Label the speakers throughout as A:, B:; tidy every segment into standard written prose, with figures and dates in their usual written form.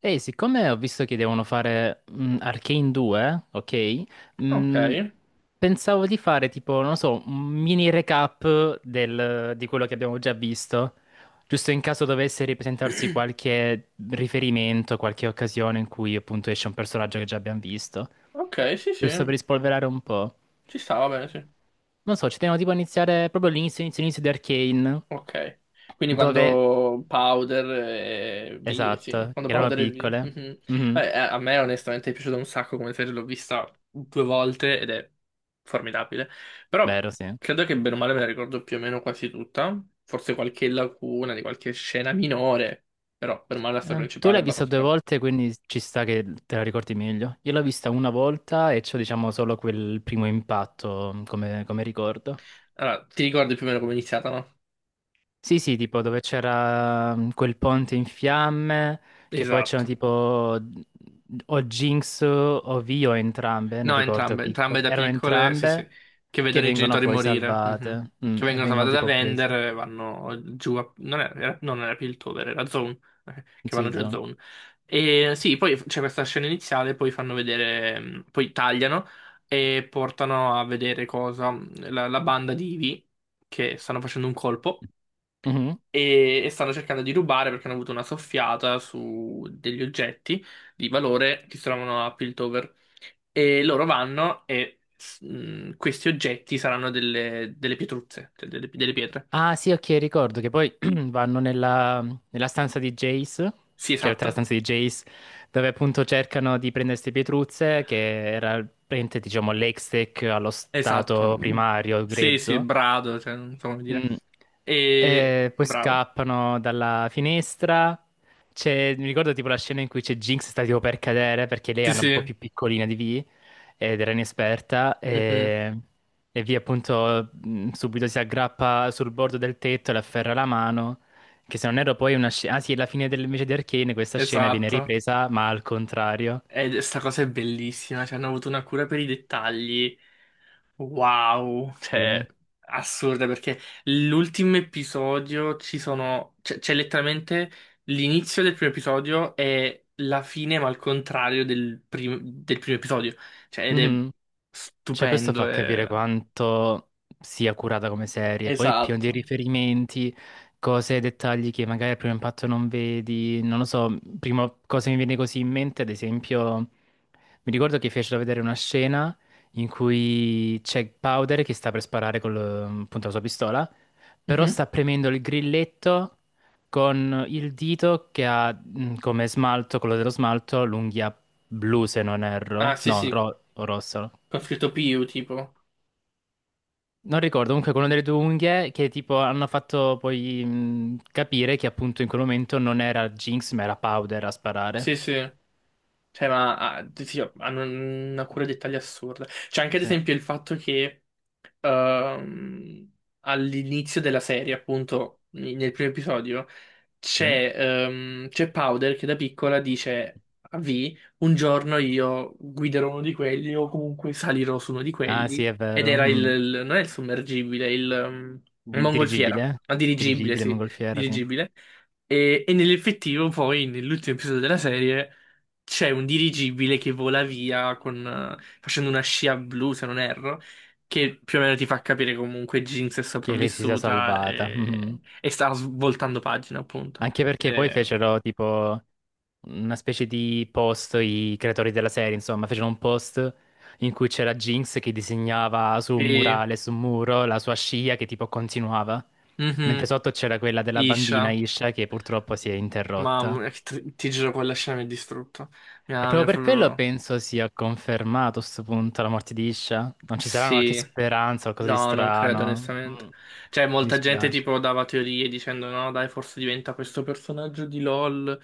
A: Ehi, siccome ho visto che devono fare Arcane 2, ok?
B: Ok,
A: Mm, pensavo di fare tipo, non lo so, un mini recap di quello che abbiamo già visto, giusto in caso dovesse ripresentarsi qualche riferimento, qualche occasione in cui appunto esce un personaggio che già abbiamo visto,
B: ok, sì, sì,
A: giusto per rispolverare un po'.
B: ci stava bene, sì.
A: Non so, ci teniamo tipo a iniziare proprio all'inizio, inizio, inizio di Arcane,
B: Ok, quindi
A: dove.
B: quando Powder e V, sì,
A: Esatto,
B: quando
A: che erano
B: Powder e V.
A: piccole.
B: Mhm.
A: Mhm.
B: A me onestamente è piaciuto un sacco come serie, l'ho vista due volte ed è formidabile, però
A: Vero, sì.
B: credo che bene o male me la ricordo più o meno quasi tutta, forse qualche lacuna di qualche scena minore, però per male la storia
A: Tu
B: principale è
A: l'hai vista
B: abbastanza...
A: due
B: cap-
A: volte, quindi ci sta che te la ricordi meglio. Io l'ho vista una volta e c'ho, diciamo, solo quel primo impatto come, ricordo.
B: Allora, ti ricordi più o meno come è iniziata, no?
A: Sì, sì, tipo dove c'era quel ponte in fiamme, che poi c'erano
B: Esatto.
A: tipo o Jinx o Vi o entrambe, non
B: No,
A: ricordo,
B: entrambe, entrambe
A: piccole.
B: da
A: Erano
B: piccole, sì, sì,
A: entrambe
B: che
A: che
B: vedono i
A: vengono
B: genitori
A: poi
B: morire, mhm.
A: salvate,
B: Che
A: e
B: vengono
A: vengono
B: salvate da
A: tipo
B: Vender
A: prese.
B: e vanno giù a... Non era, era- No, non era Piltover, era Zone, che vanno
A: Sì,
B: giù a
A: Zone.
B: Zone. E sì, poi c'è questa scena iniziale, poi fanno vedere, poi tagliano e portano a vedere cosa, la banda di Ivy, che stanno facendo un colpo e stanno cercando di rubare perché hanno avuto una soffiata su degli oggetti di valore che si trovano a Piltover. E loro vanno e questi oggetti saranno delle, delle pietruzze, cioè delle pietre.
A: Ah sì, ok, ricordo che poi vanno nella stanza di Jace,
B: Sì,
A: che in realtà è la
B: esatto.
A: stanza di Jace, dove appunto cercano di prendere queste pietruzze, che era praticamente, diciamo, l'ex-tech allo
B: Esatto.
A: stato
B: Mm.
A: primario
B: Sì, sì,
A: grezzo.
B: brado, cioè, non so come dire.
A: Mm.
B: E
A: Poi
B: bravo.
A: scappano dalla finestra. Mi ricordo tipo la scena in cui c'è Jinx sta tipo per cadere perché lei
B: Sì,
A: era un po'
B: sì.
A: più piccolina di Vi ed era inesperta
B: Mhm.
A: e Vi appunto subito si aggrappa sul bordo del tetto e le afferra la mano. Che se non erro poi è una scena. Ah sì, alla fine invece di Arcane questa scena viene
B: Esatto.
A: ripresa ma al contrario.
B: E sta cosa è bellissima, cioè hanno avuto una cura per i dettagli. Wow,
A: Sì. Eh.
B: cioè, assurda perché l'ultimo episodio ci sono, c'è letteralmente l'inizio del primo episodio e la fine, ma al contrario del primo episodio. Cioè, ed è
A: Mhm. Cioè, questo
B: stupendo.
A: fa capire quanto sia curata come serie, poi è pieno di
B: Esatto.
A: riferimenti, cose e dettagli che magari al primo impatto non vedi, non lo so, prima cosa mi viene così in mente, ad esempio, mi ricordo che fecero vedere una scena in cui c'è Powder che sta per sparare con appunto, la sua pistola, però
B: Mhm.
A: sta premendo il grilletto con il dito che ha come smalto, quello dello smalto, l'unghia blu se non
B: Ah,
A: erro,
B: sì,
A: no,
B: sì,
A: o rosso.
B: con scritto PU tipo.
A: Non ricordo, comunque quello delle due unghie che tipo hanno fatto poi capire che appunto in quel momento non era Jinx ma era Powder a sparare.
B: Sì, sì. Cioè, ma ah, sì, hanno una cura dei dettagli assurda. C'è anche, ad
A: Sì.
B: esempio, il fatto che ehm, all'inizio della serie, appunto, nel primo episodio,
A: Ok.
B: c'è Powder che da piccola dice a V, un giorno io guiderò uno di quelli o comunque salirò su uno di
A: Ah
B: quelli.
A: sì, è
B: Ed
A: vero.
B: era
A: Mm.
B: non è il sommergibile, il
A: Dirigibile,
B: mongolfiera,
A: eh?
B: ma dirigibile,
A: Dirigibile,
B: sì,
A: mongolfiera, sì.
B: dirigibile. E nell'effettivo, poi, nell'ultimo episodio della serie c'è un dirigibile che vola via con, facendo una scia blu, se non erro, che più o meno ti fa capire comunque Jinx è
A: Che lei si sia
B: sopravvissuta
A: salvata. Mhm.
B: e sta svoltando pagina, appunto.
A: Anche perché poi
B: Eh,
A: fecero tipo una specie di post, i creatori della serie, insomma, fecero un post in cui c'era Jinx che disegnava su un
B: sì,
A: murale, su un muro, la sua scia che tipo continuava, mentre
B: mhm.
A: sotto c'era quella della bambina
B: Isha,
A: Isha che purtroppo si è interrotta.
B: mamma, mia, che ti giuro, quella scena mi ha distrutto. Mi
A: E
B: ha, mi
A: proprio
B: ha
A: per quello
B: proprio...
A: penso sia confermato a sto punto la morte di Isha. Non ci sarà qualche
B: Sì.
A: speranza, qualcosa di
B: No, non credo
A: strano. Mm.
B: onestamente.
A: Mi
B: Cioè, molta gente
A: dispiace.
B: tipo dava teorie dicendo no, dai, forse diventa questo personaggio di LOL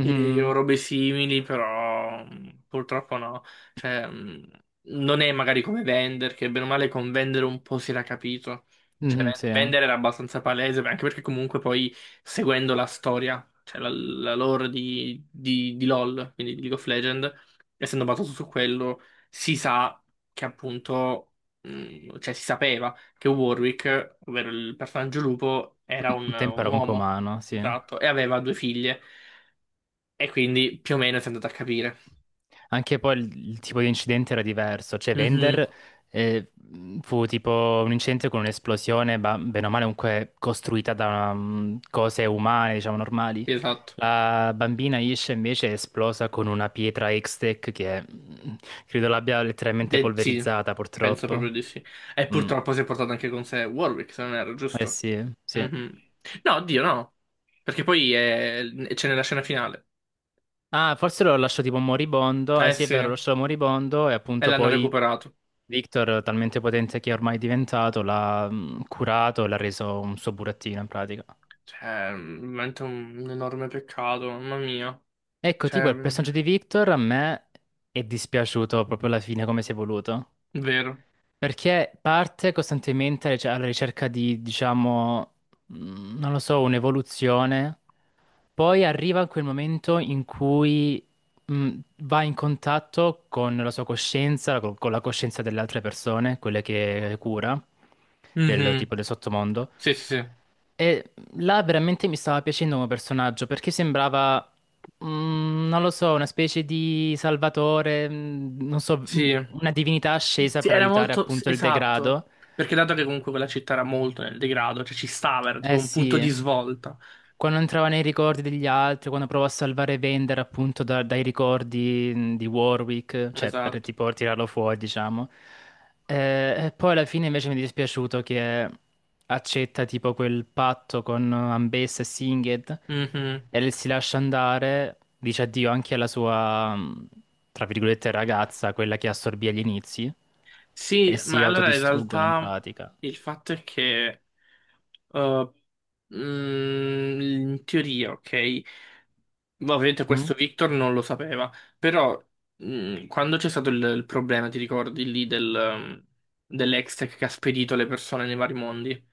B: e o robe simili, però purtroppo no. Cioè, non è magari come Vender, che bene o male con Vender un po' si era capito. Cioè,
A: mhm,
B: Ven-
A: sì. Eh.
B: Vender era abbastanza palese, anche perché comunque poi seguendo la storia, cioè la lore di LOL, quindi di League of Legends, essendo basato su quello, si sa che appunto cioè si sapeva che Warwick, ovvero il personaggio lupo, era un,
A: Un tempo
B: un
A: era comunque
B: uomo,
A: umano, sì.
B: esatto, e aveva due figlie, e quindi più o meno si è andato a capire.
A: Anche poi il tipo di incidente era diverso, cioè
B: Mhm,
A: Vender eh, fu tipo un incidente con un'esplosione, bene o male comunque costruita da cose umane, diciamo normali.
B: sì, esatto.
A: La bambina Ish invece è esplosa con una pietra X-Tech che credo l'abbia letteralmente
B: Sì,
A: polverizzata,
B: penso proprio
A: purtroppo.
B: di sì. E
A: Mm.
B: purtroppo si è portato anche con sé Warwick, se non era
A: Eh
B: giusto.
A: sì, sì.
B: Mhm. No, oddio, no. Perché poi c'è nella scena finale.
A: Ah, forse lo lasciò tipo moribondo. Eh
B: Eh
A: sì, è
B: sì,
A: vero, lo
B: e
A: lasciò moribondo e appunto
B: l'hanno
A: poi
B: recuperato.
A: Victor, talmente potente che è ormai diventato, l'ha curato e l'ha reso un suo burattino in pratica.
B: Cioè, veramente un enorme peccato, mamma mia.
A: Ecco, tipo
B: Cioè,
A: il personaggio di Victor a me è dispiaciuto proprio alla fine come si è voluto.
B: vero.
A: Perché parte costantemente cioè, alla ricerca di, diciamo, non lo so, un'evoluzione, poi arriva a quel momento in cui mh, va in contatto con la sua coscienza, con la coscienza delle altre persone, quelle che cura, del
B: Mhm.
A: tipo del sottomondo.
B: Sì, sì, sì.
A: E là veramente mi stava piacendo come personaggio perché sembrava, non lo so, una specie di salvatore, non so,
B: Sì.
A: una divinità ascesa
B: Sì,
A: per
B: era
A: aiutare
B: molto
A: appunto il
B: esatto.
A: degrado.
B: Perché dato che comunque quella città era molto nel degrado, cioè ci stava, era tipo
A: Eh
B: un punto
A: sì,
B: di svolta.
A: quando entrava nei ricordi degli altri, quando provò a salvare Vender appunto dai ricordi di Warwick, cioè per
B: Esatto.
A: tipo tirarlo fuori, diciamo. E poi alla fine invece mi è dispiaciuto che accetta tipo quel patto con Ambessa e Singed
B: Mhm.
A: e si lascia andare, dice addio anche alla sua, tra virgolette, ragazza, quella che assorbì agli inizi, e
B: Sì,
A: si
B: ma allora in
A: autodistruggono in
B: realtà
A: pratica.
B: il fatto è che eh, in teoria, ok, ovviamente
A: Mm?
B: questo Victor non lo sapeva, però quando c'è stato il problema, ti ricordi lì dell'Hextech che ha spedito le persone nei vari mondi?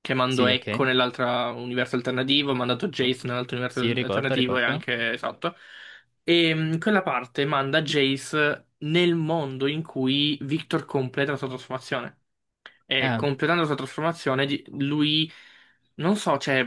B: Che mando
A: Sì,
B: Echo
A: ok.
B: nell'altro universo alternativo, ho mandato Jace nell'altro universo
A: Sì, ricordo,
B: alternativo e
A: ricordo.
B: anche esatto. E quella parte manda Jace nel mondo in cui Victor completa la sua trasformazione. E
A: Eh,
B: completando la sua trasformazione, lui, non so, cioè,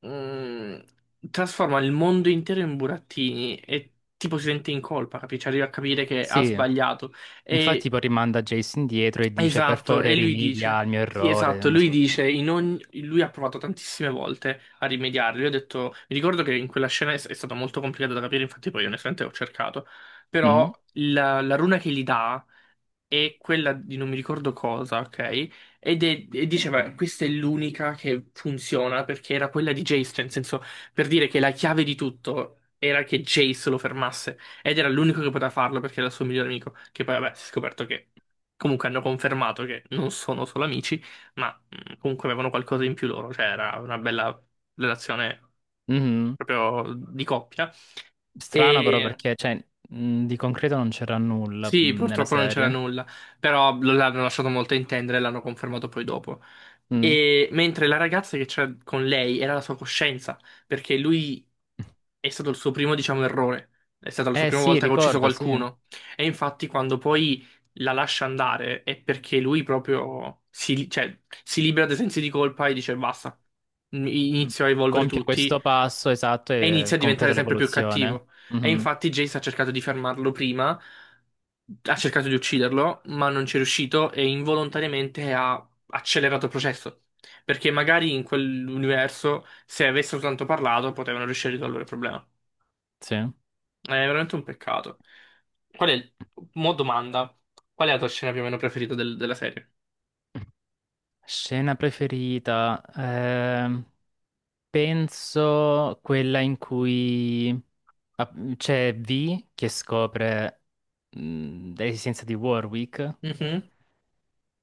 B: mh, trasforma il mondo intero in burattini e tipo si sente in colpa, capisci? Arriva a capire che ha
A: sì,
B: sbagliato.
A: infatti
B: E
A: poi rimanda Jason dietro e dice per
B: Esatto, e
A: favore
B: lui
A: rimedia
B: dice,
A: al mio
B: sì,
A: errore.
B: esatto,
A: Una
B: lui
A: sorta.
B: dice, lui ha provato tantissime volte a rimediare, lui ha detto, mi ricordo che in quella scena è stato molto complicato da capire, infatti poi onestamente ho cercato, però
A: Mm,
B: la runa che gli dà è quella di non mi ricordo cosa, ok? E diceva, questa è l'unica che funziona perché era quella di Jace, cioè, nel senso, per dire che la chiave di tutto era che Jace lo fermasse. Ed era l'unico che poteva farlo perché era il suo migliore amico. Che poi, vabbè, si è scoperto che comunque hanno confermato che non sono solo amici, ma comunque avevano qualcosa in più loro. Cioè, era una bella relazione
A: mhm.
B: proprio di coppia.
A: Strano però
B: E
A: perché cioè, di concreto non c'era nulla
B: sì,
A: nella
B: purtroppo non c'era
A: serie.
B: nulla, però l'hanno lasciato molto intendere e l'hanno confermato poi dopo.
A: Mm.
B: E mentre la ragazza che c'era con lei era la sua coscienza, perché lui è stato il suo primo, diciamo, errore. È stata la sua
A: Eh
B: prima
A: sì,
B: volta che ha ucciso
A: ricordo, sì.
B: qualcuno. E infatti, quando poi la lascia andare, è perché lui proprio si, cioè, si libera dei sensi di colpa e dice basta,
A: Mm.
B: inizio a evolvere
A: Compie
B: tutti
A: questo passo esatto
B: e
A: e
B: inizia a diventare
A: completa
B: sempre più
A: l'evoluzione.
B: cattivo. E
A: Mhm,
B: infatti Jace ha cercato di fermarlo prima, ha cercato di ucciderlo, ma non ci è riuscito e involontariamente ha accelerato il processo. Perché magari in quell'universo, se avessero soltanto parlato, potevano riuscire a risolvere il problema.
A: sì.
B: È veramente un peccato. Qual è il... Mo domanda. Qual è la tua scena più o meno preferita della serie?
A: Scena preferita. Penso quella in cui c'è V che scopre l'esistenza di Warwick
B: Mhm,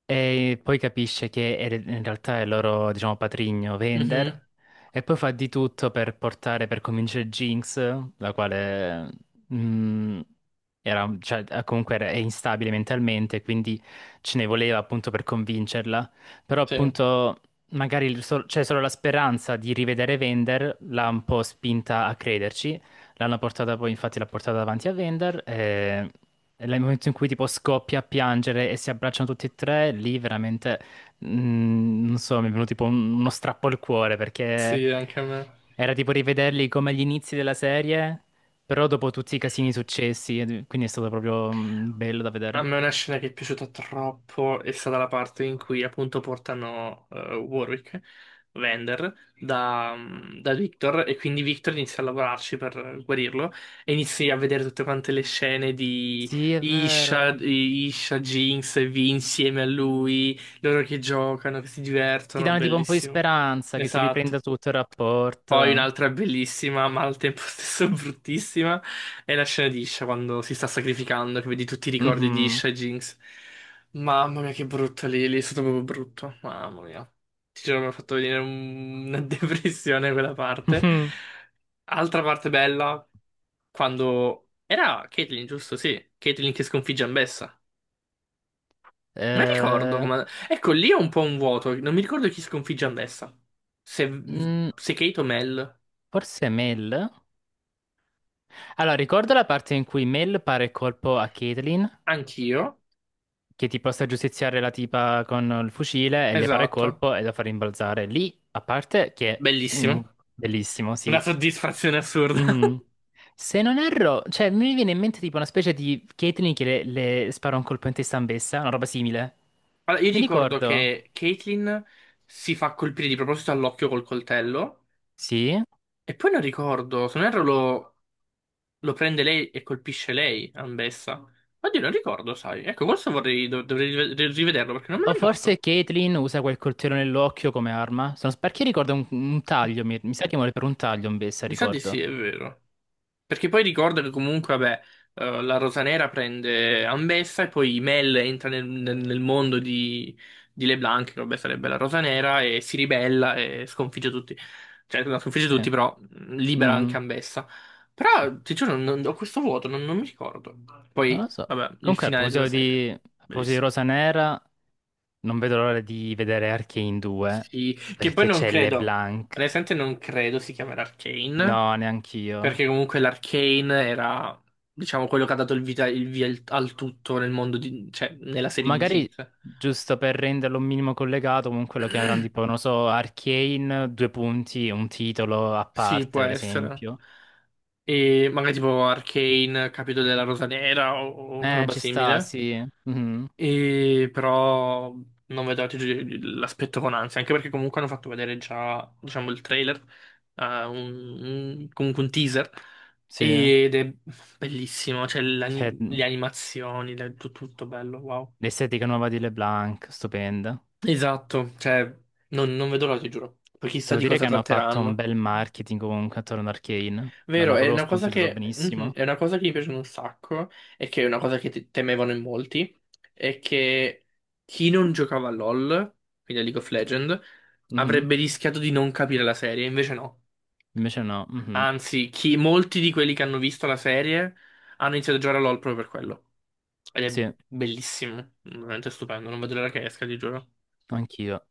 A: e poi capisce che in realtà è il loro, diciamo, patrigno Vender.
B: mhm,
A: E poi fa di tutto per portare, per convincere Jinx, la quale mm, era, cioè, comunque è instabile mentalmente, quindi ce ne voleva appunto per convincerla. Però
B: sì,
A: appunto magari c'è solo la speranza di rivedere Vender, l'ha un po' spinta a crederci. L'hanno portata poi, infatti l'ha portata davanti a Vender. Nel momento in cui tipo scoppia a piangere e si abbracciano tutti e tre, lì veramente, non so, mi è venuto tipo uno strappo al cuore perché
B: sì, anche a me.
A: era tipo rivederli come agli inizi della serie, però dopo tutti i casini successi, quindi è stato proprio, bello da
B: A
A: vedere.
B: me una scena che è piaciuta troppo è stata la parte in cui appunto portano Warwick, Vander, da Victor e quindi Victor inizia a lavorarci per guarirlo e inizi a vedere tutte quante le scene di
A: Sì, è vero.
B: Isha, Isha, Jinx e Vi insieme a lui, loro che giocano, che si
A: Ti
B: divertono,
A: danno tipo un po' di
B: bellissimo.
A: speranza che si
B: Esatto.
A: riprenda tutto il
B: Poi
A: rapporto.
B: un'altra bellissima, ma al tempo stesso bruttissima, è la scena di Isha quando si sta sacrificando, che vedi tutti i ricordi di
A: Mhm.
B: Isha e Jinx. Mamma mia, che brutto lì, lì è stato proprio brutto. Mamma mia. Ti giuro, mi ha fatto venire una depressione quella parte. Altra parte bella, quando... Era Caitlyn, giusto? Sì, Caitlyn che sconfigge Ambessa. Non ricordo
A: Eh,
B: come... Ecco, lì è un po' un vuoto, non mi ricordo chi sconfigge Ambessa. Se,
A: mm,
B: se Kate o Mel,
A: Forse Mel? Allora, ricordo la parte in cui Mel pare colpo a Caitlyn
B: anch'io.
A: che tipo sta a giustiziare la tipa con il fucile e le para il
B: Esatto,
A: colpo e la fa rimbalzare. Lì, a parte che. Mm,
B: bellissimo.
A: bellissimo,
B: Una
A: sì.
B: soddisfazione assurda.
A: Mhm. Se non erro, cioè mi viene in mente tipo una specie di Caitlyn che le, spara un colpo in testa Ambessa, una roba simile.
B: Allora,
A: Non
B: io
A: mi
B: ricordo
A: ricordo.
B: che Caitlyn si fa colpire di proposito all'occhio col coltello
A: Sì.
B: e poi non ricordo, se non erro lo prende lei e colpisce lei, Ambessa. Oddio, non ricordo, sai. Ecco, questo vorrei, dovrei rivederlo perché non me lo
A: O forse
B: ricordo.
A: Caitlyn usa quel coltello nell'occhio come arma. Sono, perché ricordo un, taglio, mi sa che muore per un taglio Ambessa,
B: Mi sa di sì,
A: ricordo.
B: è vero. Perché poi ricordo che comunque, vabbè, la Rosa Nera prende Ambessa e poi Mel entra nel, nel mondo di LeBlanc, che vabbè sarebbe la Rosa Nera, e si ribella e sconfigge tutti. Cioè, non sconfigge
A: Sì.
B: tutti, però libera
A: Mm,
B: anche Ambessa. Però, ti giuro, ho questo vuoto, non mi ricordo.
A: Non lo
B: Poi,
A: so.
B: vabbè, il
A: Comunque, a
B: finale della
A: proposito
B: serie.
A: di, a proposito di
B: Bellissimo.
A: Rosa Nera, non vedo l'ora di vedere Arcane 2
B: Sì, che poi
A: perché
B: non
A: c'è
B: credo,
A: LeBlanc.
B: onestamente non credo si chiamerà Arcane.
A: No, neanch'io.
B: Perché comunque l'Arcane era, diciamo, quello che ha dato vita, il via al tutto nel mondo di, cioè, nella serie di
A: Magari
B: Geek.
A: giusto per renderlo un minimo collegato, comunque lo chiameranno tipo, non so, Arcane, due punti, un titolo a
B: Sì, può
A: parte, per
B: essere.
A: esempio.
B: E magari tipo Arcane, capito della Rosa Nera o una roba
A: Ci sta,
B: simile.
A: sì. Mhm.
B: E però non vedo ti giuro, l'aspetto con ansia, anche perché comunque hanno fatto vedere già, diciamo, il trailer, comunque un teaser.
A: Sì.
B: Ed è bellissimo, cioè
A: C'è
B: le animazioni, tutto bello, wow.
A: l'estetica nuova di LeBlanc, stupenda.
B: Esatto, cioè, non vedo l'ora, ti giuro. Poi chissà
A: Devo
B: di
A: dire
B: cosa
A: che hanno fatto un
B: tratteranno.
A: bel marketing comunque attorno ad Arcane.
B: Vero,
A: L'hanno
B: è
A: proprio
B: una cosa
A: sponsorizzato
B: che,
A: benissimo.
B: è una cosa che mi piace un sacco e che è una cosa che temevano in molti, è che chi non giocava a LoL, quindi a League of Legends,
A: Mhm.
B: avrebbe rischiato di non capire la serie, invece no.
A: Invece no. Mhm.
B: Anzi, molti di quelli che hanno visto la serie hanno iniziato a giocare a LoL proprio per quello. Ed è
A: Sì,
B: bellissimo, veramente stupendo, non vedo l'ora che esca, ti giuro.
A: anch'io.